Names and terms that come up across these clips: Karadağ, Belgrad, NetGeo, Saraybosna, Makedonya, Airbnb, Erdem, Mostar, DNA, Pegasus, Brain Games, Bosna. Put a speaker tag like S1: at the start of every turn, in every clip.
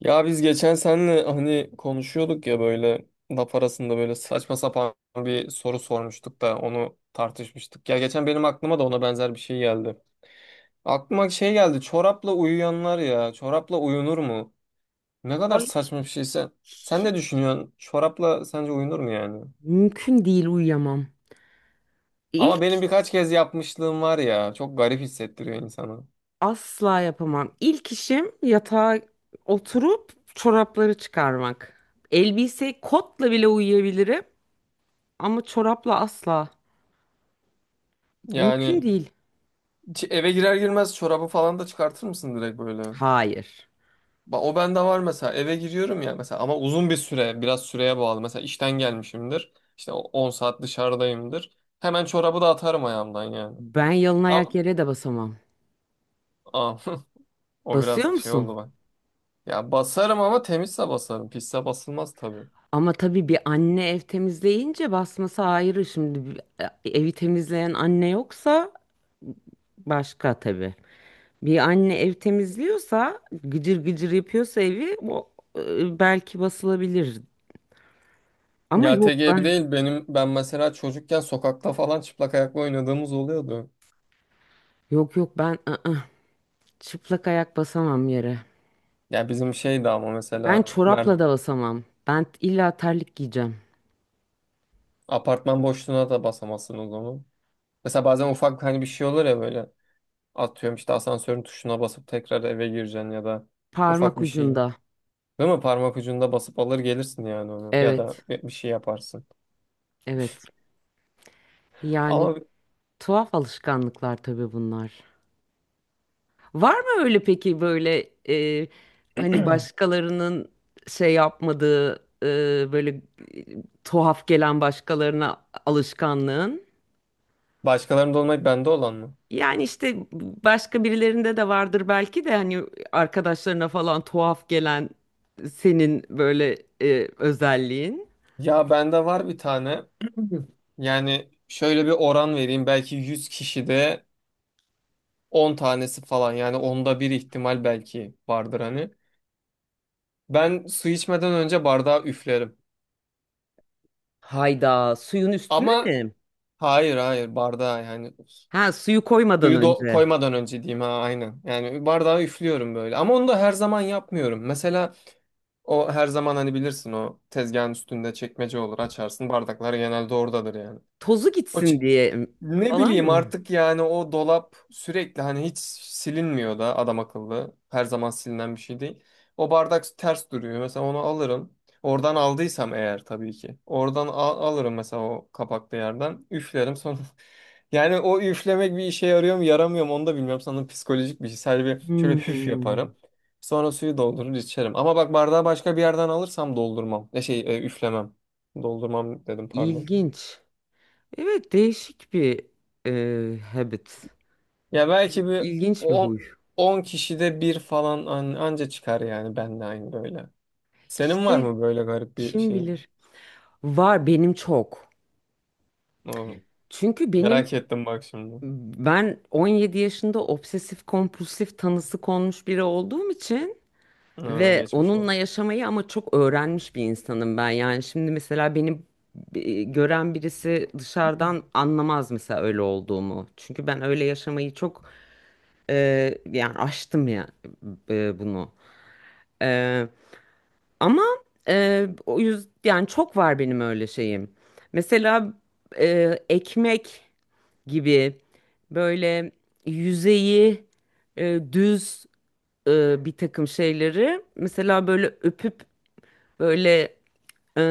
S1: Ya biz geçen senle hani konuşuyorduk ya böyle laf arasında böyle saçma sapan bir soru sormuştuk da onu tartışmıştık. Ya geçen benim aklıma da ona benzer bir şey geldi. Aklıma şey geldi, çorapla uyuyanlar, ya çorapla uyunur mu? Ne kadar
S2: Ay,
S1: saçma bir şeyse. Sen ne
S2: hiç
S1: düşünüyorsun? Çorapla sence uyunur mu yani?
S2: mümkün değil, uyuyamam.
S1: Ama
S2: İlk
S1: benim birkaç kez yapmışlığım var ya, çok garip hissettiriyor insanı.
S2: Asla yapamam. İlk işim yatağa oturup çorapları çıkarmak. Elbise kotla bile uyuyabilirim ama çorapla asla. Mümkün
S1: Yani
S2: değil.
S1: eve girer girmez çorabı falan da çıkartır mısın direkt böyle?
S2: Hayır.
S1: O bende var mesela, eve giriyorum ya mesela, ama uzun bir süre, biraz süreye bağlı, mesela işten gelmişimdir, işte 10 saat dışarıdayımdır, hemen çorabı da atarım ayağımdan yani.
S2: Ben yalın
S1: A-
S2: ayak yere de basamam.
S1: a- o
S2: Basıyor
S1: biraz şey oldu
S2: musun?
S1: ben. Ya basarım ama, temizse basarım, pisse basılmaz tabii.
S2: Ama tabii bir anne ev temizleyince basması ayrı. Şimdi evi temizleyen anne yoksa başka tabii. Bir anne ev temizliyorsa, gıcır gıcır yapıyorsa evi o, belki basılabilir. Ama
S1: Ya tek
S2: yok
S1: ev
S2: ben
S1: değil benim, ben mesela çocukken sokakta falan çıplak ayakla oynadığımız oluyordu.
S2: Yok, yok, ben, ı-ı, çıplak ayak basamam yere.
S1: Ya bizim şeydi ama,
S2: Ben
S1: mesela
S2: çorapla da basamam. Ben illa terlik giyeceğim.
S1: apartman boşluğuna da basamazsın o zaman, mesela bazen ufak hani bir şey olur ya böyle. Atıyorum, işte asansörün tuşuna basıp tekrar eve gireceksin ya da ufak
S2: Parmak
S1: bir şeyi.
S2: ucunda.
S1: Değil mi? Parmak ucunda basıp alır gelirsin yani onu. Ya da
S2: Evet,
S1: bir şey yaparsın.
S2: evet. Yani
S1: Ama
S2: tuhaf alışkanlıklar tabii bunlar. Var mı öyle peki böyle, hani başkalarının şey yapmadığı, böyle, tuhaf gelen başkalarına alışkanlığın?
S1: başkalarında olmayıp bende olan mı?
S2: Yani işte başka birilerinde de vardır belki de hani arkadaşlarına falan tuhaf gelen senin böyle, özelliğin.
S1: Ya bende var bir tane. Yani şöyle bir oran vereyim. Belki 100 kişide 10 tanesi falan. Yani onda bir ihtimal belki vardır hani. Ben su içmeden önce bardağı üflerim.
S2: Hayda, suyun üstüne
S1: Ama
S2: mi?
S1: hayır hayır, bardağı yani.
S2: Ha, suyu koymadan
S1: Suyu
S2: önce.
S1: koymadan önce diyeyim, ha, aynen. Yani bardağı üflüyorum böyle. Ama onu da her zaman yapmıyorum. Mesela o her zaman, hani bilirsin, o tezgahın üstünde çekmece olur, açarsın. Bardaklar genelde oradadır yani.
S2: Tozu
S1: O ç-
S2: gitsin diye
S1: ne
S2: falan
S1: bileyim
S2: mı?
S1: artık, yani o dolap sürekli, hani hiç silinmiyor da adam akıllı. Her zaman silinen bir şey değil. O bardak ters duruyor. Mesela onu alırım. Oradan aldıysam eğer, tabii ki. Oradan alırım mesela, o kapaklı yerden. Üflerim. Sonra, yani o üflemek bir işe yarıyor mu yaramıyor mu onu da bilmiyorum. Sanırım psikolojik bir şey. Sadece bir şöyle hüf
S2: Hmm,
S1: yaparım. Sonra suyu doldurur içerim. Ama bak, bardağı başka bir yerden alırsam doldurmam. Üflemem. Doldurmam dedim, pardon.
S2: ilginç. Evet, değişik bir, habit.
S1: Ya belki bir
S2: İlginç bir huy.
S1: 10 kişide bir falan anca çıkar, yani ben de aynı böyle. Senin var
S2: İşte
S1: mı böyle garip bir
S2: kim
S1: şey?
S2: bilir. Var benim çok.
S1: Oo,
S2: Çünkü benim
S1: merak ettim bak şimdi.
S2: ben 17 yaşında obsesif kompulsif tanısı konmuş biri olduğum için
S1: Ha,
S2: ve
S1: geçmiş
S2: onunla
S1: olsun.
S2: yaşamayı ama çok öğrenmiş bir insanım ben. Yani şimdi mesela beni, gören birisi dışarıdan anlamaz mesela öyle olduğumu. Çünkü ben öyle yaşamayı çok, e, yani aştım ya, bunu. E, Ama, o yüzden yani çok var benim öyle şeyim. Mesela, ekmek gibi böyle yüzeyi, düz, bir takım şeyleri mesela böyle öpüp böyle, e,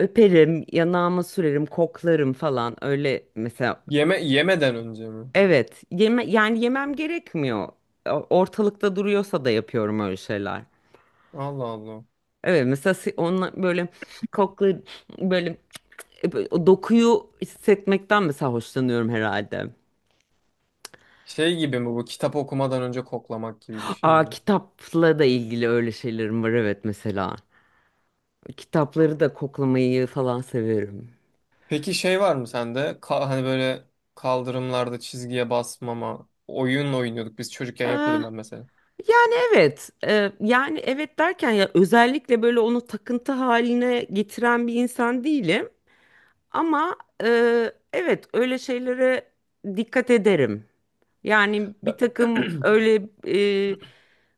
S2: öperim, yanağıma sürerim, koklarım falan öyle mesela.
S1: Yeme yemeden önce mi?
S2: Evet, yani yemem gerekmiyor. Ortalıkta duruyorsa da yapıyorum öyle şeyler.
S1: Allah Allah.
S2: Evet, mesela onunla böyle koklar, böyle, o dokuyu hissetmekten mesela hoşlanıyorum herhalde.
S1: Şey gibi mi bu, kitap okumadan önce koklamak gibi bir şey
S2: Aa,
S1: mi?
S2: kitapla da ilgili öyle şeylerim var, evet, mesela. Kitapları da koklamayı falan severim.
S1: Peki şey var mı sende? Hani böyle kaldırımlarda çizgiye basmama oyun oynuyorduk. Biz çocukken
S2: Ee,
S1: yapıyordum ben mesela.
S2: Yani, evet. Yani, evet derken, ya özellikle böyle onu takıntı haline getiren bir insan değilim. Ama, e, evet, öyle şeylere dikkat ederim. Yani bir
S1: Ben...
S2: takım öyle, e,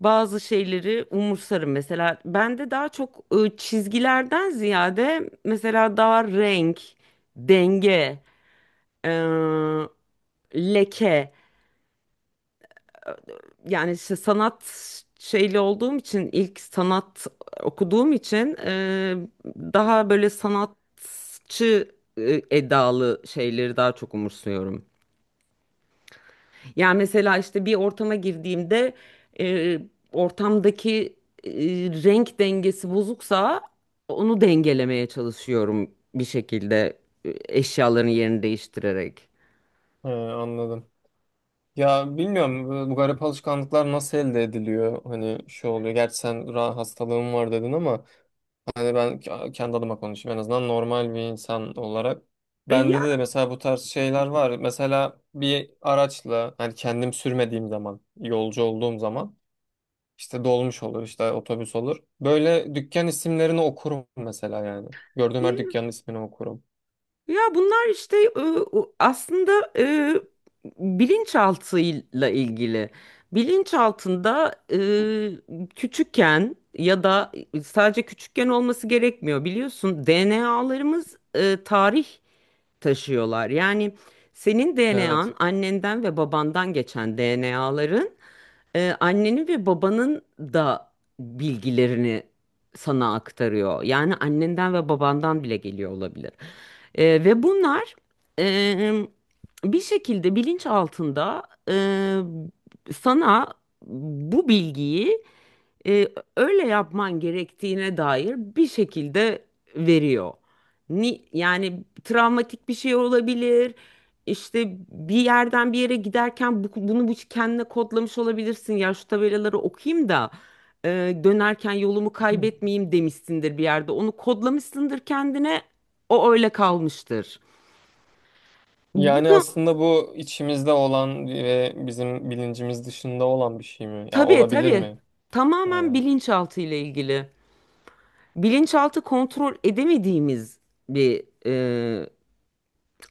S2: bazı şeyleri umursarım. Mesela bende daha çok, çizgilerden ziyade mesela daha renk, denge, e, leke, yani işte sanat şeyli olduğum için, ilk sanat okuduğum için, daha böyle sanatçı, edalı şeyleri daha çok umursuyorum. Yani mesela işte bir ortama girdiğimde, e, ortamdaki, e, renk dengesi bozuksa onu dengelemeye çalışıyorum bir şekilde, eşyaların yerini değiştirerek.
S1: He, anladım. Ya bilmiyorum, bu garip alışkanlıklar nasıl elde ediliyor? Hani şu oluyor. Gerçi sen hastalığın var dedin ama, hani ben kendi adıma konuşayım. En azından normal bir insan olarak. Bende
S2: Yani,
S1: de mesela bu tarz şeyler var. Mesela bir araçla, hani kendim sürmediğim zaman, yolcu olduğum zaman, İşte dolmuş olur, işte otobüs olur, böyle dükkan isimlerini okurum mesela yani. Gördüğüm her dükkanın ismini okurum.
S2: ya bunlar işte, aslında, e, bilinçaltıyla ilgili. Bilinçaltında, küçükken ya da sadece küçükken olması gerekmiyor. Biliyorsun, DNA'larımız, tarih taşıyorlar. Yani senin
S1: Evet.
S2: DNA'n, annenden ve babandan geçen DNA'ların, annenin ve babanın da bilgilerini sana aktarıyor. Yani annenden ve babandan bile geliyor olabilir. Ve bunlar, e, bir şekilde bilinç altında, e, sana bu bilgiyi, e, öyle yapman gerektiğine dair bir şekilde veriyor. Yani travmatik bir şey olabilir. İşte bir yerden bir yere giderken bunu kendine kodlamış olabilirsin. Ya şu tabelaları okuyayım da, e, dönerken yolumu
S1: Hı.
S2: kaybetmeyeyim demişsindir bir yerde. Onu kodlamışsındır kendine. O öyle kalmıştır. Bu
S1: Yani
S2: da,
S1: aslında bu içimizde olan ve bizim bilincimiz dışında olan bir şey mi? Ya
S2: tabii,
S1: olabilir
S2: tabii,
S1: mi? Ee,
S2: tamamen bilinçaltı ile ilgili. Bilinçaltı kontrol edemediğimiz bir,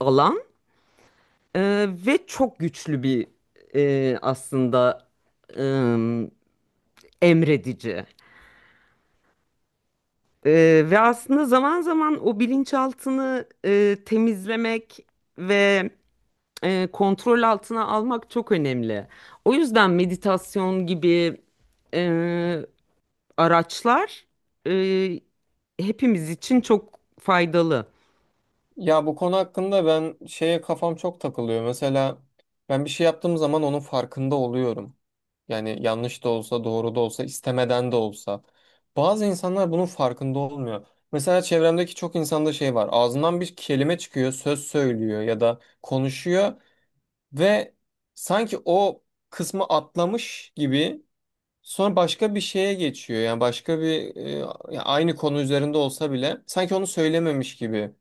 S2: alan. E, Ve çok güçlü bir, aslında, e, emredici. Ve aslında zaman zaman o bilinçaltını, temizlemek ve, kontrol altına almak çok önemli. O yüzden meditasyon gibi, e, araçlar, e, hepimiz için çok faydalı.
S1: Ya bu konu hakkında ben şeye kafam çok takılıyor. Mesela ben bir şey yaptığım zaman onun farkında oluyorum. Yani yanlış da olsa, doğru da olsa, istemeden de olsa. Bazı insanlar bunun farkında olmuyor. Mesela çevremdeki çok insanda şey var. Ağzından bir kelime çıkıyor, söz söylüyor ya da konuşuyor, ve sanki o kısmı atlamış gibi sonra başka bir şeye geçiyor. Yani başka bir ya aynı konu üzerinde olsa bile, sanki onu söylememiş gibi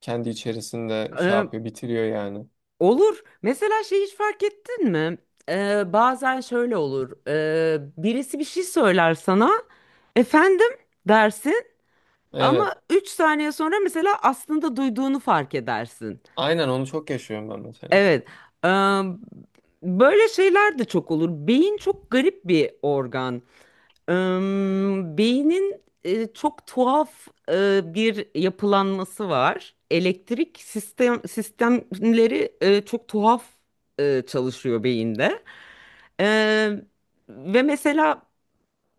S1: kendi içerisinde şey
S2: Ee,
S1: yapıyor, bitiriyor yani.
S2: olur. Mesela şey, hiç fark ettin mi? Bazen şöyle olur. Birisi bir şey söyler sana, efendim dersin.
S1: Evet.
S2: Ama 3 saniye sonra mesela aslında duyduğunu fark edersin.
S1: Aynen, onu çok yaşıyorum ben mesela.
S2: Evet. eee, Böyle şeyler de çok olur. Beyin çok garip bir organ. Eee, Beynin, çok tuhaf, bir yapılanması var. Elektrik sistemleri, çok tuhaf, çalışıyor beyinde. Eee, ve mesela,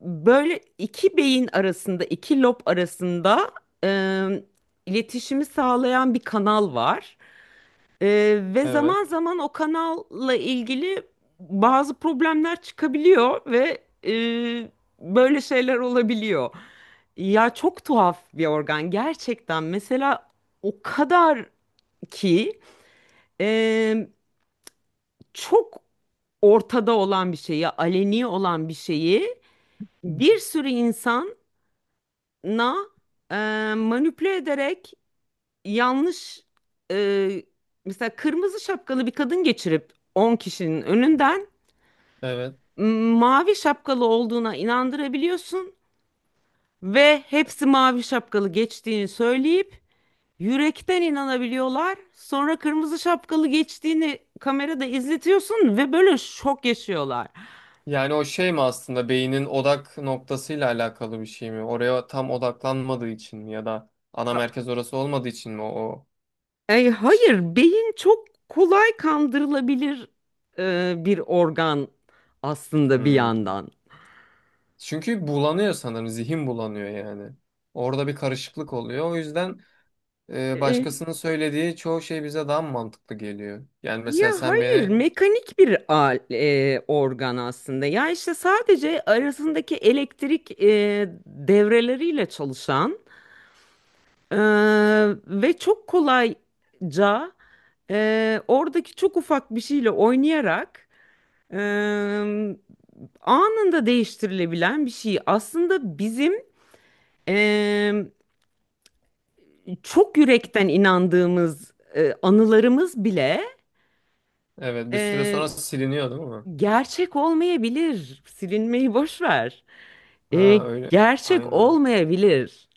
S2: böyle iki beyin arasında, iki lob arasında, e, iletişimi sağlayan bir kanal var. E, ve
S1: Evet.
S2: zaman zaman o kanalla ilgili bazı problemler çıkabiliyor ve, böyle şeyler olabiliyor. Ya, çok tuhaf bir organ gerçekten. Mesela o kadar ki, e, çok ortada olan bir şeyi, aleni olan bir şeyi,
S1: Hı.
S2: bir sürü insan na e, manipüle ederek yanlış, e, mesela kırmızı şapkalı bir kadın geçirip 10 kişinin önünden,
S1: Evet.
S2: mavi şapkalı olduğuna inandırabiliyorsun ve hepsi mavi şapkalı geçtiğini söyleyip yürekten inanabiliyorlar. Sonra kırmızı şapkalı geçtiğini kamerada izletiyorsun ve böyle şok yaşıyorlar.
S1: Yani o şey mi, aslında beynin odak noktasıyla alakalı bir şey mi? Oraya tam odaklanmadığı için mi, ya da ana merkez orası olmadığı için mi o?
S2: Ay, hayır, beyin çok kolay kandırılabilir, bir organ aslında, bir
S1: Hmm.
S2: yandan.
S1: Çünkü bulanıyor sanırım, zihin bulanıyor yani. Orada bir karışıklık oluyor. O yüzden
S2: E,
S1: başkasının söylediği çoğu şey bize daha mı mantıklı geliyor. Yani
S2: Ya
S1: mesela sen
S2: hayır,
S1: beni,
S2: mekanik bir organ aslında. Ya işte sadece arasındaki elektrik, devreleriyle çalışan, e, ve çok kolayca, oradaki çok ufak bir şeyle oynayarak, e, anında değiştirilebilen bir şey. Aslında bizim, e, çok yürekten inandığımız, anılarımız bile,
S1: evet bir süre
S2: e,
S1: sonra siliniyor değil mi?
S2: gerçek olmayabilir. Silinmeyi boş ver. E,
S1: Ha öyle.
S2: Gerçek
S1: Aynen.
S2: olmayabilir.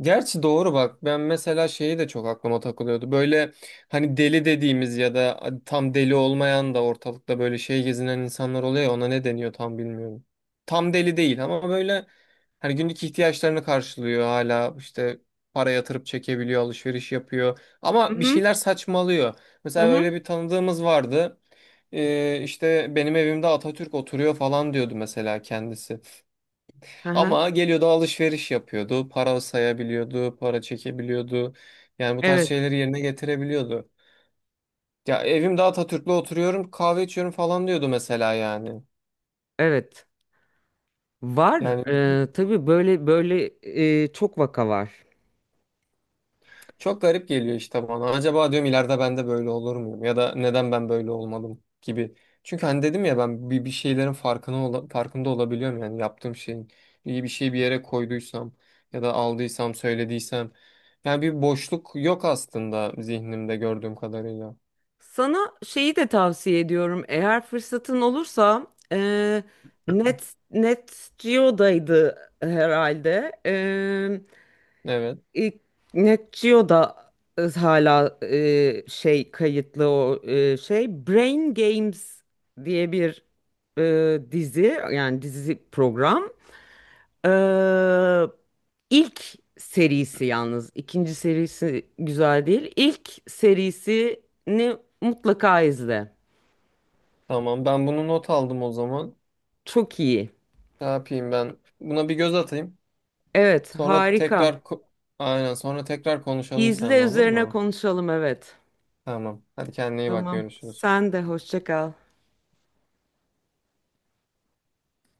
S1: Gerçi doğru bak. Ben mesela şeyi de çok aklıma takılıyordu. Böyle, hani deli dediğimiz ya da tam deli olmayan da, ortalıkta böyle şey gezinen insanlar oluyor ya, ona ne deniyor tam bilmiyorum. Tam deli değil ama böyle, hani günlük ihtiyaçlarını karşılıyor, hala işte para yatırıp çekebiliyor, alışveriş yapıyor,
S2: Hı
S1: ama bir
S2: hı,
S1: şeyler saçmalıyor.
S2: hı
S1: Mesela öyle
S2: hı.
S1: bir tanıdığımız vardı. İşte benim evimde Atatürk oturuyor falan diyordu mesela kendisi.
S2: Hı hı.
S1: Ama geliyordu, alışveriş yapıyordu. Para sayabiliyordu, para çekebiliyordu. Yani bu tarz
S2: Evet,
S1: şeyleri yerine getirebiliyordu. Ya evimde Atatürk'le oturuyorum, kahve içiyorum falan diyordu mesela yani.
S2: evet. Var.
S1: Yani
S2: Tabii, böyle böyle, çok vaka var.
S1: çok garip geliyor işte bana. Acaba diyorum, ileride ben de böyle olur muyum? Ya da neden ben böyle olmadım gibi. Çünkü hani dedim ya, ben bir şeylerin farkına farkında olabiliyorum, yani yaptığım şeyin. İyi bir şey bir yere koyduysam ya da aldıysam, söylediysem. Yani bir boşluk yok aslında zihnimde, gördüğüm kadarıyla.
S2: Sana şeyi de tavsiye ediyorum. Eğer fırsatın olursa, e, Net Geo'daydı herhalde.
S1: Evet.
S2: E, NetGeo da hala, şey kayıtlı, o, şey, Brain Games diye bir, dizi, yani dizi program. Ee, ilk serisi, yalnız ikinci serisi güzel değil. İlk serisini mutlaka izle.
S1: Tamam. Ben bunu not aldım o zaman.
S2: Çok iyi.
S1: Ne yapayım ben? Buna bir göz atayım.
S2: Evet,
S1: Sonra
S2: harika.
S1: tekrar aynen, sonra tekrar konuşalım
S2: İzle,
S1: seninle, olur
S2: üzerine
S1: mu?
S2: konuşalım, evet.
S1: Tamam. Hadi kendine iyi bak,
S2: Tamam.
S1: görüşürüz.
S2: Sen de hoşça kal.